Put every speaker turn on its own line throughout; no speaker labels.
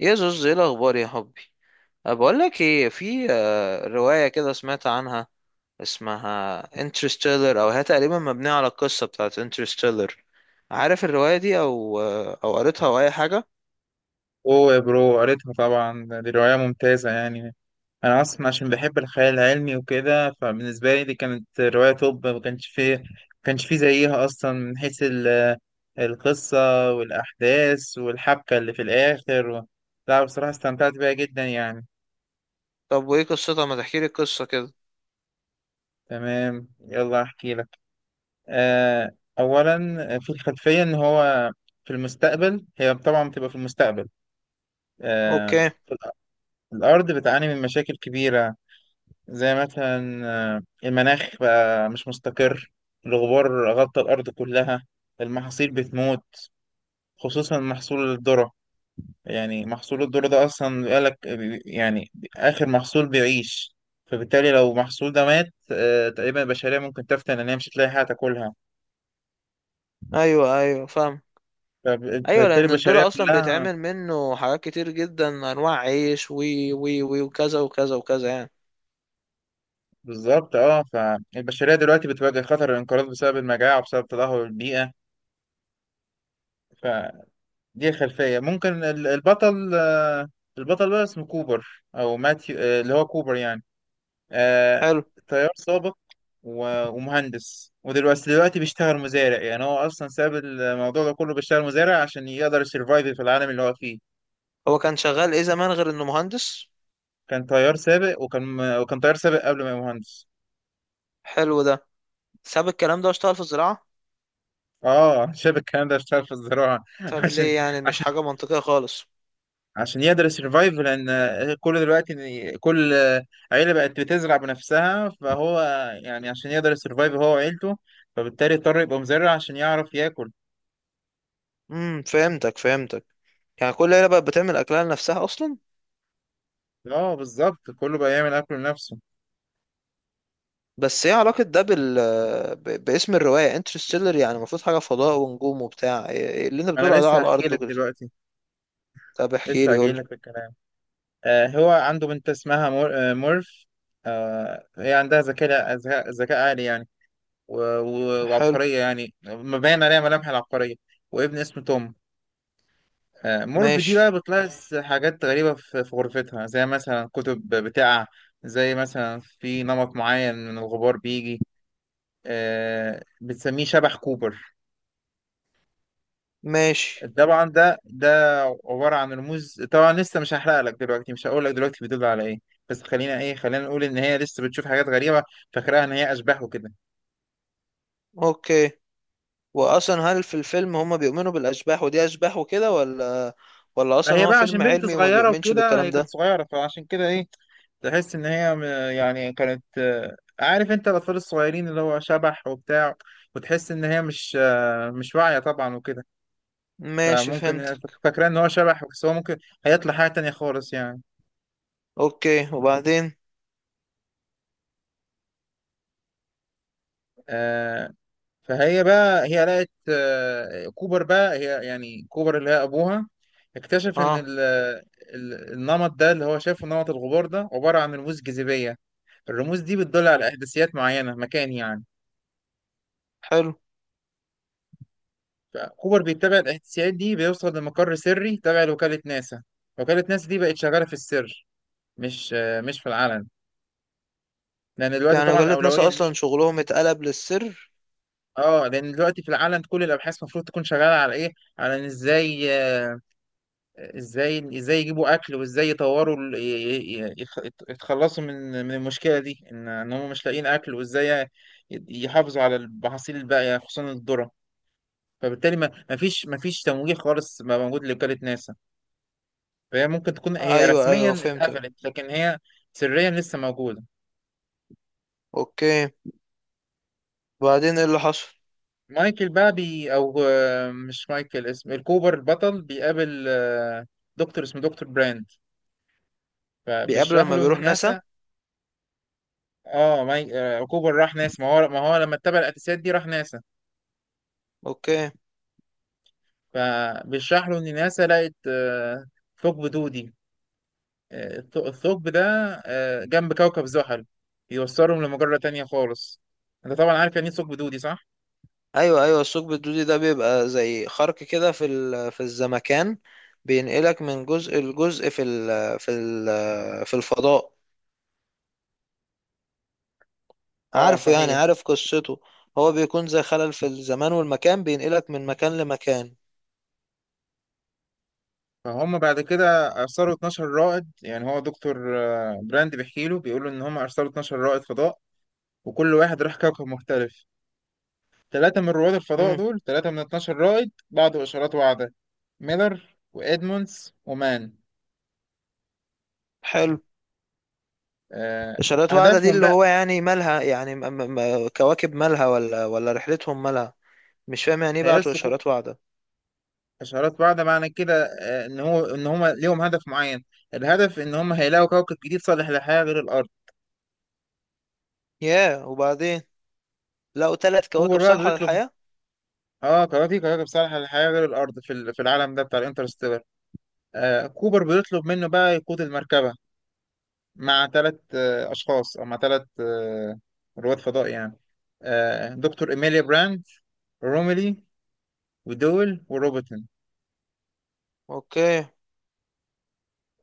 يا زوز، ايه الاخبار يا حبي؟ بقول لك ايه، في روايه كده سمعت عنها، اسمها انترستيلر، او هي تقريبا مبنيه على القصه بتاعت انترستيلر. عارف الروايه دي او قريتها او اي حاجه؟
اوه يا برو، قريتها طبعا. دي رواية ممتازة يعني. انا اصلا عشان بحب الخيال العلمي وكده، فبالنسبة لي دي كانت رواية توب. ما كانش فيه زيها اصلا من حيث القصة والاحداث والحبكة اللي في الاخر لا، بصراحة استمتعت بيها جدا يعني.
طب وايه قصتها؟ ما تحكي لي القصه كده.
تمام، يلا احكي لك. آه اولا، في الخلفية ان هو في المستقبل، هي طبعا بتبقى في المستقبل. آه
اوكي.
الأرض بتعاني من مشاكل كبيرة. زي مثلا المناخ بقى مش مستقر. الغبار غطى الأرض كلها، المحاصيل بتموت، خصوصا محصول الذرة. يعني محصول الذرة ده أصلا بيقالك يعني آخر محصول بيعيش. فبالتالي لو المحصول ده مات، تقريبا البشرية ممكن تفتن إن هي مش هتلاقي حاجة تاكلها.
ايوه، ايوه، فاهم. ايوه،
فبالتالي
لان
البشرية
الدور اصلا
كلها
بيتعمل منه حاجات كتير جدا، انواع عيش وي وي وي وكذا وكذا وكذا يعني.
بالظبط. اه، فالبشرية دلوقتي بتواجه خطر الانقراض بسبب المجاعة وبسبب تدهور البيئة. دي الخلفية. ممكن البطل بقى اسمه كوبر أو ماثيو، اللي هو كوبر يعني. آه،
حلو.
طيار سابق ومهندس، ودلوقتي بيشتغل مزارع. يعني هو أصلا ساب الموضوع ده كله بيشتغل مزارع عشان يقدر يسرفايف في العالم اللي هو فيه.
هو كان شغال ايه زمان غير انه مهندس؟
كان طيار سابق وكان طيار سابق قبل ما يبقى مهندس.
حلو ده. ساب الكلام ده واشتغل في الزراعه؟
اه شاب الكلام ده اشتغل في الزراعة
طب
عشان
ليه؟ يعني مش حاجة منطقية خالص.
عشان يقدر يسرفايف. لان كل دلوقتي إن كل عيله بقت بتزرع بنفسها، فهو يعني عشان يقدر يسرفايف هو وعيلته، فبالتالي اضطر يبقى مزرع عشان يعرف ياكل.
فهمتك، فهمتك. يعني كل عيلة بقت بتعمل أكلها لنفسها أصلا.
اه بالظبط، كله بقى يعمل اكل لنفسه.
بس ايه علاقة ده باسم الرواية انترستيلر؟ يعني المفروض حاجة فضاء ونجوم وبتاع، إيه إيه اللي انت
انا
بتقوله ده على
لسه هحكي
الأرض
لك
وكده؟
دلوقتي،
طب احكي
لسه
لي، قول
هجي
لي.
لك في الكلام. هو عنده بنت اسمها مورف. هي عندها ذكاء عالي يعني، و... و...
حلو.
وعبقريه، يعني مبين عليها ملامح العبقريه. وابن اسمه توم. مورف دي
ماشي،
بقى بتلاحظ حاجات غريبة في غرفتها، زي مثلا كتب بتقع، زي مثلا في نمط معين من الغبار بيجي، بتسميه شبح كوبر.
ماشي.
طبعا ده عبارة عن رموز. طبعا لسه مش هحرق لك دلوقتي، مش هقول لك دلوقتي بيدل على ايه. بس خلينا نقول ان هي لسه بتشوف حاجات غريبة، فاكراها ان هي اشباح وكده.
اوكي. وأصلا هل في الفيلم هما بيؤمنوا بالأشباح ودي أشباح وكده، ولا أصلا
فهي
هو
بقى
فيلم
عشان بنت
علمي وما
صغيرة
بيؤمنش
وكده،
بالكلام
هي كانت
ده؟
صغيرة فعشان كده ايه، تحس ان هي يعني كانت، عارف انت الاطفال الصغيرين اللي هو شبح وبتاع، وتحس ان هي مش واعيه طبعا وكده.
ماشي،
فممكن هي
فهمتك.
فاكره ان هو شبح، بس هو ممكن هيطلع حاجه تانية خالص يعني.
اوكي، وبعدين؟
آه، فهي بقى هي لقت، كوبر بقى، هي يعني كوبر اللي هي ابوها، اكتشف ان
اه.
النمط ده اللي هو شايفه، نمط الغبار ده عباره عن رموز جاذبيه. الرموز دي بتدل على احداثيات معينه، مكان يعني.
حلو،
فكوبر بيتبع الاحتساءات دي بيوصل لمقر سري تبع لوكالة ناسا. وكالة ناسا دي بقت شغالة في السر، مش في العلن. لأن دلوقتي
يعني
طبعا
وكالة
الأولوية
ناسا أصلا
لمين؟
شغلهم اتقلب للسر؟
اه، لأن دلوقتي في العلن كل الأبحاث المفروض تكون شغالة على إيه؟ على إن إزاي آه، إزاي إزاي يجيبوا أكل، وإزاي يطوروا يتخلصوا من المشكلة دي، إن هم مش لاقيين أكل، وإزاي يحافظوا على المحاصيل الباقية، خصوصا الذرة. فبالتالي ما فيش تمويل خالص بقى موجود لوكالة ناسا. فهي ممكن تكون هي
أيوة، أيوة،
رسميا
فهمتك.
اتقفلت، لكن هي سريا لسه موجودة.
أوكي، وبعدين إيه اللي حصل؟
مايكل بقى، بي أو، مش مايكل، اسم الكوبر البطل، بيقابل دكتور اسمه دكتور براند.
بيقابله
فبيشرح
لما
له إن
بيروح
ناسا.
ناسا؟
اه، ماي... آه، كوبر راح ناسا، ما هو لما اتبع القتاسات دي راح ناسا.
أوكي.
فبيشرح له إن ناسا لقت ثقب دودي. الثقب ده جنب كوكب زحل بيوصلهم لمجرة تانية خالص. انت طبعا عارف يعني ايه ثقب دودي، صح؟
أيوة، أيوة، الثقب الدودي ده بيبقى زي خرق كده في في الزمكان، بينقلك من جزء لجزء في في الفضاء.
اه
عارفه، يعني
صحيح.
عارف قصته. هو بيكون زي خلل في الزمان والمكان، بينقلك من مكان لمكان.
فهم بعد كده ارسلوا 12 رائد. يعني هو دكتور براند بيحكي له، بيقول له ان هم ارسلوا 12 رائد فضاء، وكل واحد راح كوكب مختلف. ثلاثة من رواد الفضاء
مم.
دول، ثلاثة من 12 رائد، بعضوا إشارات واعدة: ميلر وإدموندز ومان.
حلو.
آه،
إشارات واعدة دي
هدفهم
اللي
بقى
هو يعني مالها؟ يعني كواكب مالها ولا رحلتهم مالها؟ مش فاهم، يعني ايه
تيار
بعتوا
سقوط.
اشارات واعدة؟
إشارات واعدة معنى كده إن هو إن هم ليهم هدف معين. الهدف إن هم هيلاقوا كوكب جديد صالح للحياة غير الأرض.
ياه، وبعدين؟ لقوا ثلاث كواكب
كوبر بقى
صالحة
بيطلب،
للحياة؟
كواكب صالحة للحياة غير الأرض في في العالم ده بتاع الانترستيلر. كوبر بيطلب منه بقى يقود المركبة مع ثلاث أشخاص، أو مع ثلاث رواد فضاء يعني. دكتور إيميليا براند، روميلي، ودول وروبرتون.
اوكي.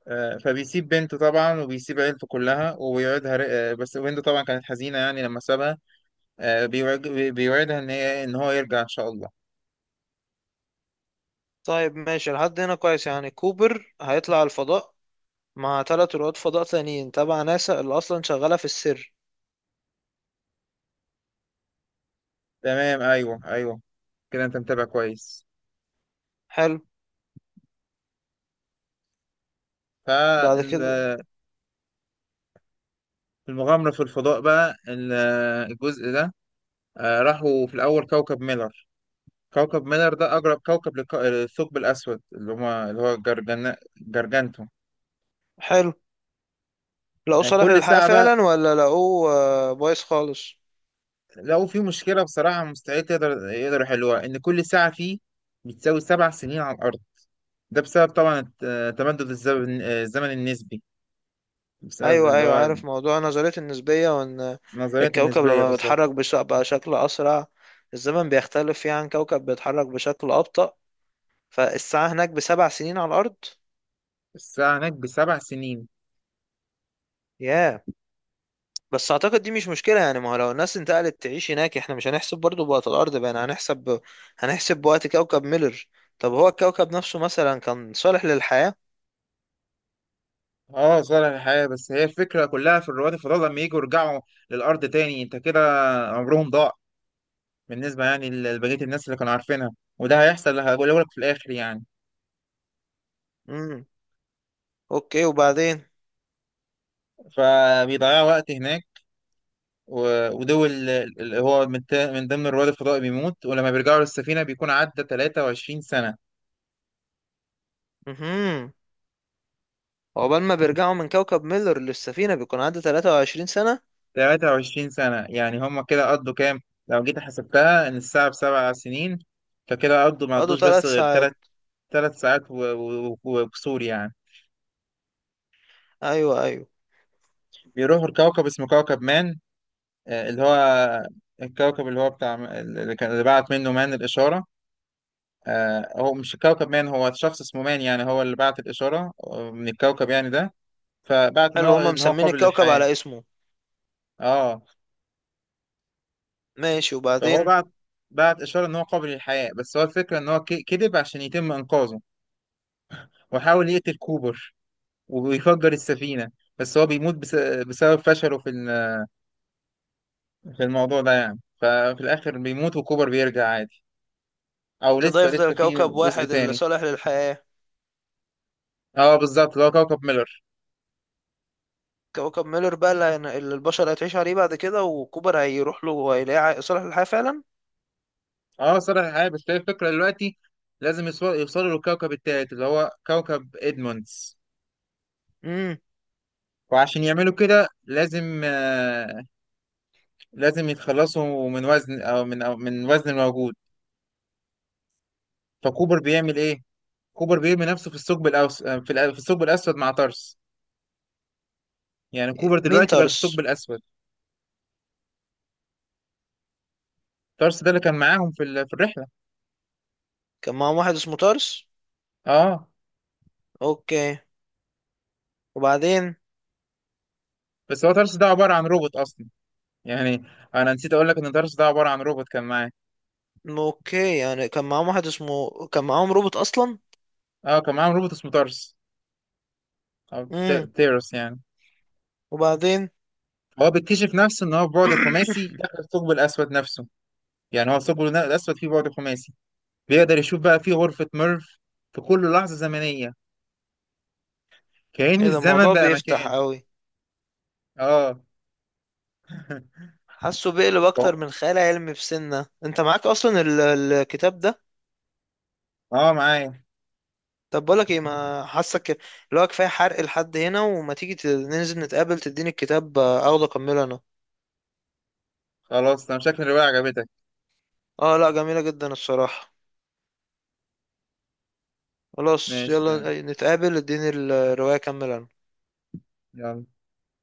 فبيسيب بنته طبعا وبيسيب عيلته كلها وبيوعدها، بس بنته طبعا كانت حزينة يعني لما سابها. بيوعدها إن هي إن هو يرجع إن شاء الله.
طيب، ماشي لحد هنا كويس. يعني كوبر هيطلع الفضاء مع ثلاث رواد فضاء تانيين تبع ناسا اللي اصلا شغالة في السر.
تمام، أيوه أيوه، كده أنت متابع كويس.
حلو. بعد كده؟
فالمغامرة في الفضاء بقى، الجزء ده، راحوا في الأول كوكب ميلر. كوكب مينر ده أقرب كوكب للثقب الأسود، اللي هما اللي هو جرجانتو.
حلو. لقوه صالح
كل
للحياة
ساعة بقى،
فعلا ولا لقوه بايظ خالص؟
لقوا فيه مشكلة بصراحة مستحيل يقدروا يحلوها، إن كل ساعة فيه بتساوي 7 سنين على الأرض. ده بسبب طبعا تمدد الزمن، الزمن النسبي، بسبب
ايوه،
اللي
ايوه،
هو
عارف موضوع نظرية النسبية، وان
نظرية
الكوكب
النسبية
لما
بالظبط.
بيتحرك بشكل اسرع، الزمن بيختلف فيه عن كوكب بيتحرك بشكل ابطأ، فالساعة هناك بـ7 سنين على الارض.
الساعة هناك بسبع سنين.
ياه. بس اعتقد دي مش مشكلة، يعني ما هو لو الناس انتقلت تعيش هناك احنا مش هنحسب برضو بوقت الارض، بقى هنحسب بوقت كوكب ميلر. طب هو الكوكب نفسه مثلا كان صالح للحياة؟
اه صالح الحياة، بس هي الفكرة كلها في رواد الفضاء لما يجوا يرجعوا للأرض تاني، انت كده عمرهم ضاع بالنسبة يعني لبقية الناس اللي كانوا عارفينها. وده هيحصل، هقوله لك في الآخر يعني.
امم. اوكي، وبعدين؟
فبيضيعوا وقت هناك، ودول اللي هو من ضمن رواد الفضاء بيموت، ولما بيرجعوا للسفينة بيكون عدى 23 سنة.
امم عقبال ما بيرجعوا من كوكب ميلر للسفينة بيكون عدى 23 سنة.
23 سنة، يعني هم كده قضوا كام؟ لو جيت حسبتها إن الساعة بسبع سنين، فكده قضوا ما
قضوا
قضوش بس
3
غير تلات.
ساعات؟
3 ساعات و- و- و- وكسور يعني.
ايوه، ايوه.
بيروحوا لكوكب اسمه كوكب مان. اللي هو الكوكب اللي هو بتاع، اللي اللي بعت منه مان الإشارة. هو مش الكوكب مان، هو شخص اسمه مان يعني، هو اللي بعت الإشارة من الكوكب يعني ده. فبعت إن
حلو،
هو
هما
إن هو
مسمين
قابل
الكوكب
للحياة.
على اسمه.
اه
ماشي،
فهو
وبعدين؟
بعت، إشارة إن هو قابل للحياة، بس هو الفكرة إن هو كذب عشان يتم إنقاذه، وحاول يقتل كوبر ويفجر السفينة، بس هو بيموت بس بسبب فشله في في الموضوع ده يعني. ففي الآخر بيموت وكوبر بيرجع عادي. أو
كده
لسه،
يفضل
في
كوكب
جزء
واحد اللي
تاني.
صالح للحياة.
اه بالظبط، اللي هو كوكب ميلر.
كوكب ميلر بقى اللي اللي البشر هتعيش عليه بعد كده، وكوبر هيروح له وهيلاقيه صالح للحياة فعلا.
اه صالح الحياة، بس هي الفكرة دلوقتي لازم يوصلوا للكوكب التالت اللي هو كوكب ادموندز.
امم
وعشان يعملوا كده لازم يتخلصوا من وزن، او من أو من وزن الموجود. فكوبر بيعمل ايه؟ كوبر بيرمي نفسه في الثقب الاوس آه، في الأ- في الثقب الاسود مع تارس. يعني كوبر
مين
دلوقتي بقى في الثقب
تارس؟
الاسود. تارس ده اللي كان معاهم في في الرحلة.
كان معاهم واحد اسمه تارس؟
اه
اوكي، وبعدين؟
بس هو تارس ده عبارة عن روبوت اصلا، يعني انا نسيت اقول لك ان تارس ده عبارة عن روبوت كان معاه.
اوكي، يعني كان معاهم روبوت اصلا؟
اه كان معاهم روبوت اسمه تارس، او
امم
تيرس يعني.
وبعدين؟
هو بيكتشف نفسه ان هو بعد خماسي داخل الثقب الاسود نفسه. يعني هو الثقب الاسود فيه بعد خماسي، بيقدر يشوف بقى فيه غرفة ميرف في كل لحظة زمنية. كأن
ايه ده؟
الزمن
الموضوع
بقى
بيفتح
مكان.
قوي.
اه
حاسه بيقلب اكتر من خيال علمي، في سنة انت معاك اصلا الكتاب ده؟
اه معايا.
طب بقولك ايه، ما حاسك، اللي هو كفايه حرق لحد هنا، وما تيجي ننزل نتقابل تديني الكتاب اخده اكمله انا.
خلاص، انا شكل الرواية عجبتك.
اه، لا جميلة جدا الصراحة. خلاص،
ماشي، تمام،
يلا نتقابل اديني الرواية كمل.
يلا.